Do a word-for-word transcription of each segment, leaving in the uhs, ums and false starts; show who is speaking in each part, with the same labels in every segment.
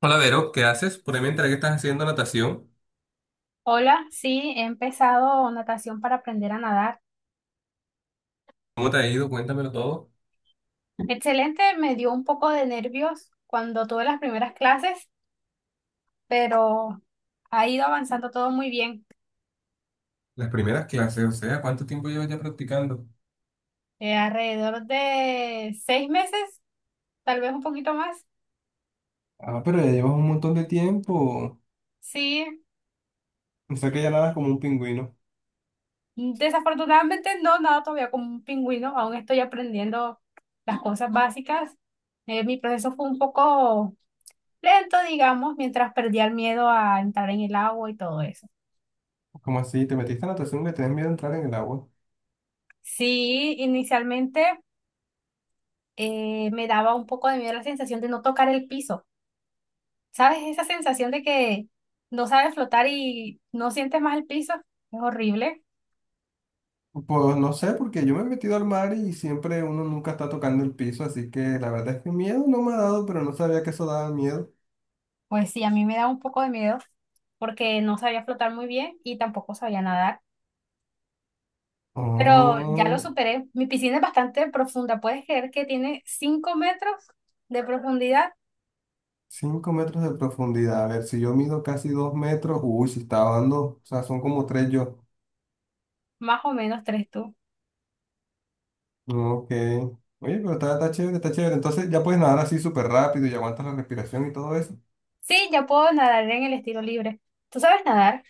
Speaker 1: Hola Vero, ¿qué haces? Por ahí me enteré que estás haciendo natación.
Speaker 2: Hola, sí, he empezado natación para aprender a nadar.
Speaker 1: ¿Cómo te ha ido? Cuéntamelo todo.
Speaker 2: Excelente, me dio un poco de nervios cuando tuve las primeras clases, pero ha ido avanzando todo muy bien.
Speaker 1: Las primeras clases, o sea, ¿cuánto tiempo llevas ya practicando?
Speaker 2: Eh, alrededor de seis meses, tal vez un poquito más.
Speaker 1: Ah, pero ya llevas un montón de tiempo.
Speaker 2: Sí,
Speaker 1: O sea que ya nadas como un pingüino.
Speaker 2: desafortunadamente no nado todavía como un pingüino, aún estoy aprendiendo las cosas básicas. Eh, mi proceso fue un poco lento, digamos, mientras perdía el miedo a entrar en el agua y todo eso.
Speaker 1: ¿Cómo así? ¿Te metiste a natación y le tenés miedo a entrar en el agua?
Speaker 2: Sí, inicialmente. eh, me daba un poco de miedo la sensación de no tocar el piso. ¿Sabes? Esa sensación de que no sabes flotar y no sientes más el piso. Es horrible.
Speaker 1: Pues no sé, porque yo me he metido al mar y siempre uno nunca está tocando el piso, así que la verdad es que miedo no me ha dado, pero no sabía que eso daba miedo.
Speaker 2: Pues sí, a mí me da un poco de miedo porque no sabía flotar muy bien y tampoco sabía nadar. Pero ya lo
Speaker 1: Oh,
Speaker 2: superé. Mi piscina es bastante profunda. ¿Puedes creer que tiene cinco metros de profundidad?
Speaker 1: cinco metros de profundidad. A ver, si yo mido casi dos metros, uy, si estaba dando, o sea, son como tres yo.
Speaker 2: Más o menos tres tú.
Speaker 1: Ok. Oye, pero está, está chévere, está chévere. Entonces ya puedes nadar así súper rápido y aguantas la respiración y todo eso.
Speaker 2: Sí, ya puedo nadar en el estilo libre. ¿Tú sabes nadar?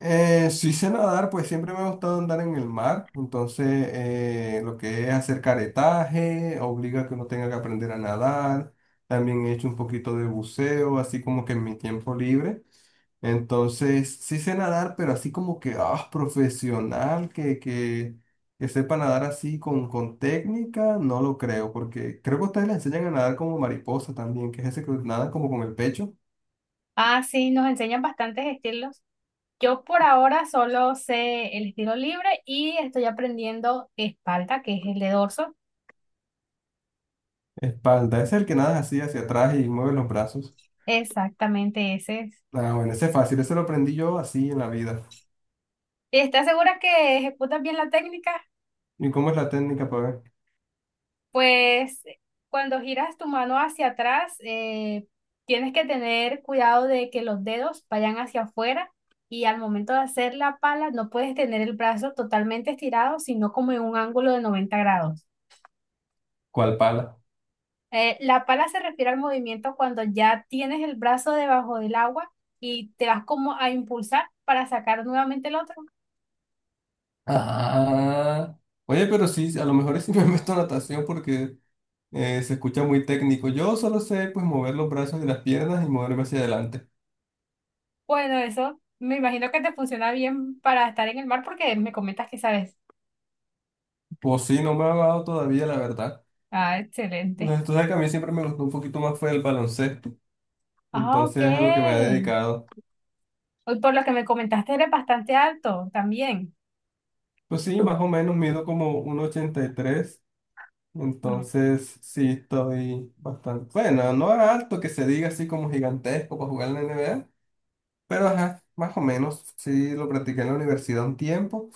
Speaker 1: Eh, sí sé nadar, pues siempre me ha gustado andar en el mar. Entonces, eh, lo que es hacer caretaje, obliga a que uno tenga que aprender a nadar. También he hecho un poquito de buceo, así como que en mi tiempo libre. Entonces, sí sé nadar, pero así como que, ah, profesional, que, que, que sepa nadar así con, con técnica, no lo creo, porque creo que ustedes le enseñan a nadar como mariposa también, que es ese que nada como con el pecho,
Speaker 2: Ah, sí, nos enseñan bastantes estilos. Yo por ahora solo sé el estilo libre y estoy aprendiendo espalda, que es el de dorso.
Speaker 1: espalda, ese es el que nada así hacia atrás y mueve los brazos.
Speaker 2: Exactamente ese es.
Speaker 1: Ah, bueno, ese es fácil, ese lo aprendí yo así en la vida.
Speaker 2: ¿Estás segura que ejecutas bien la técnica?
Speaker 1: ¿Y cómo es la técnica para ver?
Speaker 2: Pues cuando giras tu mano hacia atrás, eh, tienes que tener cuidado de que los dedos vayan hacia afuera y al momento de hacer la pala no puedes tener el brazo totalmente estirado, sino como en un ángulo de noventa grados.
Speaker 1: ¿Cuál pala?
Speaker 2: Eh, la pala se refiere al movimiento cuando ya tienes el brazo debajo del agua y te vas como a impulsar para sacar nuevamente el otro.
Speaker 1: Ah, oye, pero sí, a lo mejor sí me meto a natación porque... Eh, se escucha muy técnico. Yo solo sé pues mover los brazos y las piernas y moverme hacia adelante.
Speaker 2: Bueno, eso me imagino que te funciona bien para estar en el mar porque me comentas que sabes.
Speaker 1: Pues sí, no me ha dado todavía, la verdad.
Speaker 2: Ah, excelente.
Speaker 1: Entonces, tú sabes que a mí siempre me gustó un poquito más fue el baloncesto.
Speaker 2: Ah, ok.
Speaker 1: Entonces es a lo que me he dedicado.
Speaker 2: Hoy por lo que me comentaste eres bastante alto también.
Speaker 1: Pues sí, más o menos mido como uno ochenta y tres.
Speaker 2: Ah,
Speaker 1: Entonces sí, estoy bastante... Bueno, no alto que se diga así como gigantesco para jugar en la N B A. Pero ajá, más o menos. Sí, lo practiqué en la universidad un tiempo.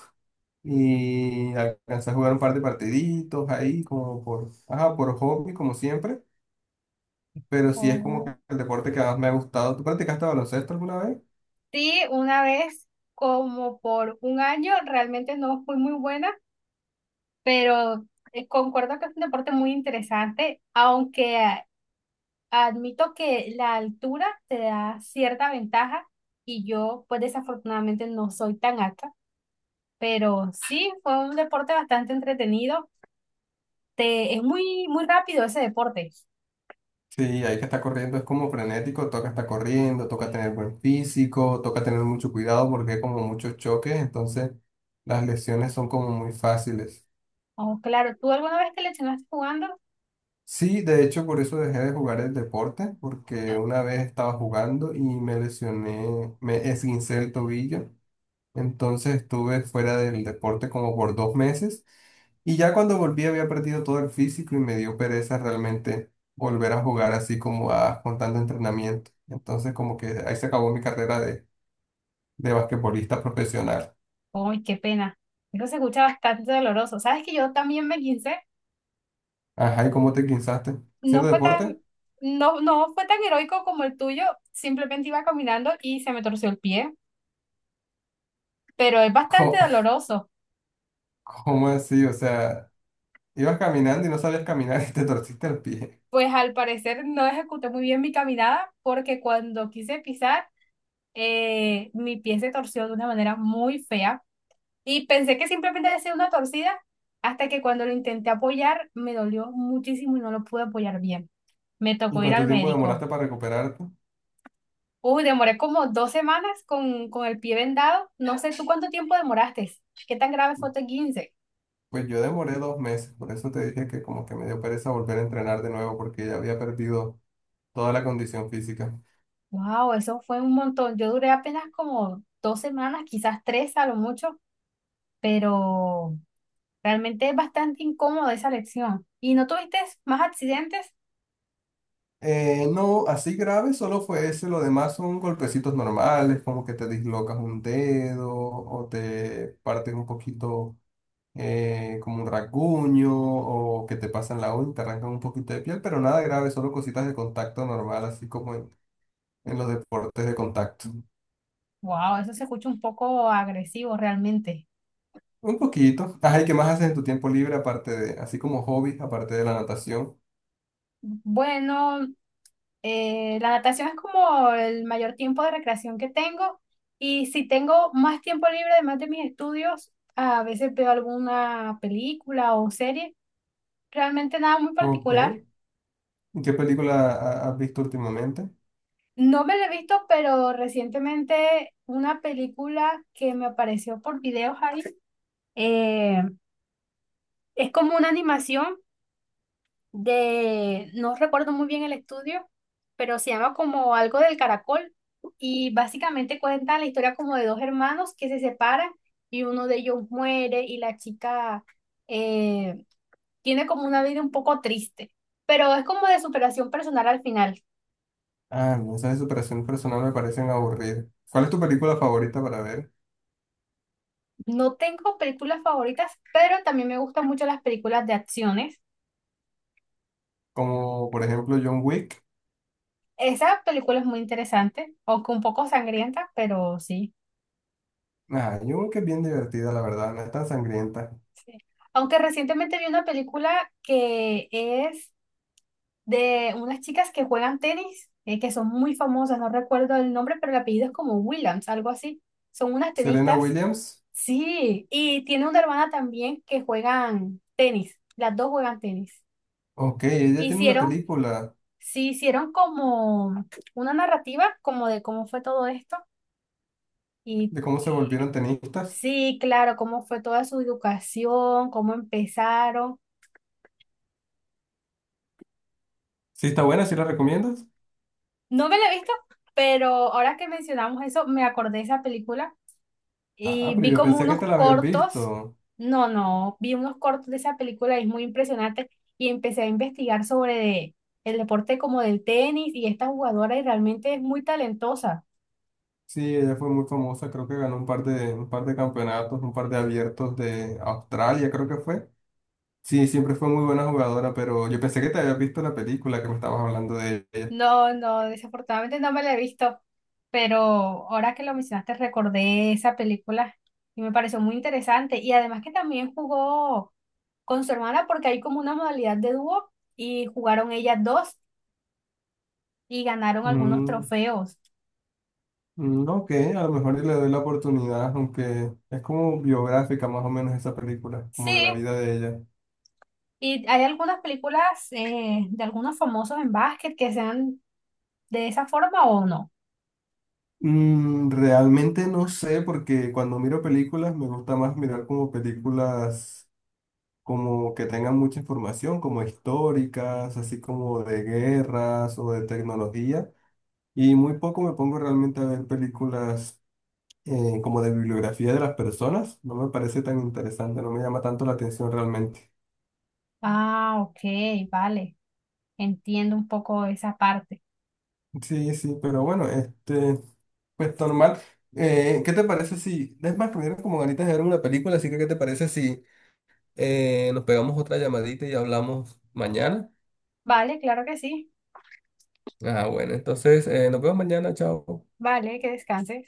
Speaker 1: Y alcancé a jugar un par de partiditos ahí, como por, ajá, por hobby, como siempre. Pero sí es como que
Speaker 2: oh.
Speaker 1: el deporte que más me ha gustado. ¿Tú practicaste baloncesto alguna vez?
Speaker 2: Sí, una vez como por un año realmente no fui muy buena, pero eh, concuerdo que es un deporte muy interesante, aunque admito que la altura te da cierta ventaja y yo pues desafortunadamente no soy tan alta, pero sí fue un deporte bastante entretenido. Te, es muy, muy rápido ese deporte.
Speaker 1: Sí, hay que estar corriendo, es como frenético, toca estar corriendo, toca tener buen físico, toca tener mucho cuidado porque hay como muchos choques, entonces las lesiones son como muy fáciles.
Speaker 2: Oh, claro, ¿tú alguna vez te lesionaste jugando?
Speaker 1: Sí, de hecho, por eso dejé de jugar el deporte, porque una vez estaba jugando y me lesioné, me esguincé el tobillo. Entonces estuve fuera del deporte como por dos meses y ya cuando volví había perdido todo el físico y me dio pereza realmente volver a jugar así como a, con tanto entrenamiento. Entonces como que ahí se acabó mi carrera de, de basquetbolista profesional.
Speaker 2: ¡Ay, qué pena! Eso se escucha bastante doloroso. ¿Sabes que yo también me guincé?
Speaker 1: Ajá, ¿y cómo te guinzaste?
Speaker 2: No
Speaker 1: ¿Haciendo
Speaker 2: fue
Speaker 1: deporte?
Speaker 2: tan, no, no fue tan heroico como el tuyo, simplemente iba caminando y se me torció el pie, pero es bastante
Speaker 1: ¿Cómo,
Speaker 2: doloroso.
Speaker 1: cómo así? O sea, ibas caminando y no sabías caminar y te torciste el pie.
Speaker 2: Pues al parecer no ejecuté muy bien mi caminada porque cuando quise pisar, eh, mi pie se torció de una manera muy fea y pensé que simplemente había sido una torcida hasta que cuando lo intenté apoyar me dolió muchísimo y no lo pude apoyar bien. Me
Speaker 1: ¿Y
Speaker 2: tocó ir
Speaker 1: cuánto
Speaker 2: al
Speaker 1: tiempo
Speaker 2: médico.
Speaker 1: demoraste para recuperarte?
Speaker 2: Uy, demoré como dos semanas con, con el pie vendado. No sé tú cuánto tiempo demoraste. ¿Qué tan grave fue tu quince?
Speaker 1: Pues yo demoré dos meses, por eso te dije que como que me dio pereza volver a entrenar de nuevo porque ya había perdido toda la condición física.
Speaker 2: Wow, eso fue un montón. Yo duré apenas como dos semanas, quizás tres a lo mucho, pero... Realmente es bastante incómoda esa lección. ¿Y no tuviste más accidentes?
Speaker 1: Eh, no, así grave solo fue ese, lo demás son golpecitos normales, como que te dislocas un dedo o te partes un poquito eh, como un rasguño o que te pasan la uña, te arrancan un poquito de piel, pero nada grave, solo cositas de contacto normal, así como en, en los deportes de contacto.
Speaker 2: Wow, eso se escucha un poco agresivo realmente.
Speaker 1: Un poquito. Ajá, ¿y qué más haces en tu tiempo libre aparte de, así como hobbies aparte de la natación?
Speaker 2: Bueno, eh, la natación es como el mayor tiempo de recreación que tengo y si tengo más tiempo libre además de mis estudios, a veces veo alguna película o serie, realmente nada muy
Speaker 1: Ok.
Speaker 2: particular.
Speaker 1: ¿Y qué película ha- has visto últimamente?
Speaker 2: No me la he visto, pero recientemente una película que me apareció por videos ahí, eh, es como una animación de, no recuerdo muy bien el estudio, pero se llama como algo del caracol y básicamente cuenta la historia como de dos hermanos que se separan y uno de ellos muere y la chica eh, tiene como una vida un poco triste, pero es como de superación personal al final.
Speaker 1: Ah, no, esas de superación personal me parecen aburridas. ¿Cuál es tu película favorita para ver?
Speaker 2: No tengo películas favoritas, pero también me gustan mucho las películas de acciones.
Speaker 1: Como por ejemplo John Wick.
Speaker 2: Esa película es muy interesante, aunque un poco sangrienta, pero sí.
Speaker 1: Ah, John Wick es bien divertida, la verdad, no es tan sangrienta.
Speaker 2: Sí. Aunque recientemente vi una película que es de unas chicas que juegan tenis, eh, que son muy famosas, no recuerdo el nombre, pero el apellido es como Williams, algo así. Son unas
Speaker 1: Serena
Speaker 2: tenistas.
Speaker 1: Williams.
Speaker 2: Sí, y tiene una hermana también que juegan tenis, las dos juegan tenis.
Speaker 1: Ok, ella tiene una
Speaker 2: Hicieron,
Speaker 1: película
Speaker 2: sí, hicieron como una narrativa como de cómo fue todo esto y
Speaker 1: de cómo se
Speaker 2: y-
Speaker 1: volvieron tenistas.
Speaker 2: sí, claro, cómo fue toda su educación, cómo empezaron.
Speaker 1: Sí, está buena, ¿sí la recomiendas?
Speaker 2: No me la he visto, pero ahora que mencionamos eso, me acordé de esa película
Speaker 1: Ah,
Speaker 2: y
Speaker 1: pero
Speaker 2: vi
Speaker 1: yo
Speaker 2: como
Speaker 1: pensé que
Speaker 2: unos
Speaker 1: te la habías
Speaker 2: cortos.
Speaker 1: visto.
Speaker 2: No, no, vi unos cortos de esa película y es muy impresionante. Y empecé a investigar sobre de- el deporte como del tenis y esta jugadora y realmente es muy talentosa.
Speaker 1: Sí, ella fue muy famosa, creo que ganó un par de, un par de campeonatos, un par de abiertos de Australia, creo que fue. Sí, siempre fue muy buena jugadora, pero yo pensé que te habías visto la película que me estabas hablando de ella.
Speaker 2: No, no, desafortunadamente no me la he visto, pero ahora que lo mencionaste recordé esa película y me pareció muy interesante y además que también jugó con su hermana porque hay como una modalidad de dúo y jugaron ellas dos y ganaron algunos
Speaker 1: Mm,
Speaker 2: trofeos.
Speaker 1: mm, ok, a lo mejor y le doy la oportunidad, aunque es como biográfica más o menos esa película,
Speaker 2: Sí,
Speaker 1: como de la vida de ella.
Speaker 2: y hay algunas películas eh, de algunos famosos en básquet que sean de esa forma o no.
Speaker 1: Mm, realmente no sé, porque cuando miro películas me gusta más mirar como películas como que tengan mucha información, como históricas, así como de guerras o de tecnología. Y muy poco me pongo realmente a ver películas eh, como de bibliografía de las personas. No me parece tan interesante, no me llama tanto la atención realmente.
Speaker 2: Ah, ok, vale, entiendo un poco esa parte.
Speaker 1: Sí, sí, pero bueno, este, pues normal. Eh, ¿qué te parece si, es más, me dieron como ganitas de ver una película, así que ¿qué te parece si eh, nos pegamos otra llamadita y hablamos mañana?
Speaker 2: Vale, claro que sí.
Speaker 1: Ah, bueno, entonces eh, nos vemos mañana, chao.
Speaker 2: Vale, que descanses.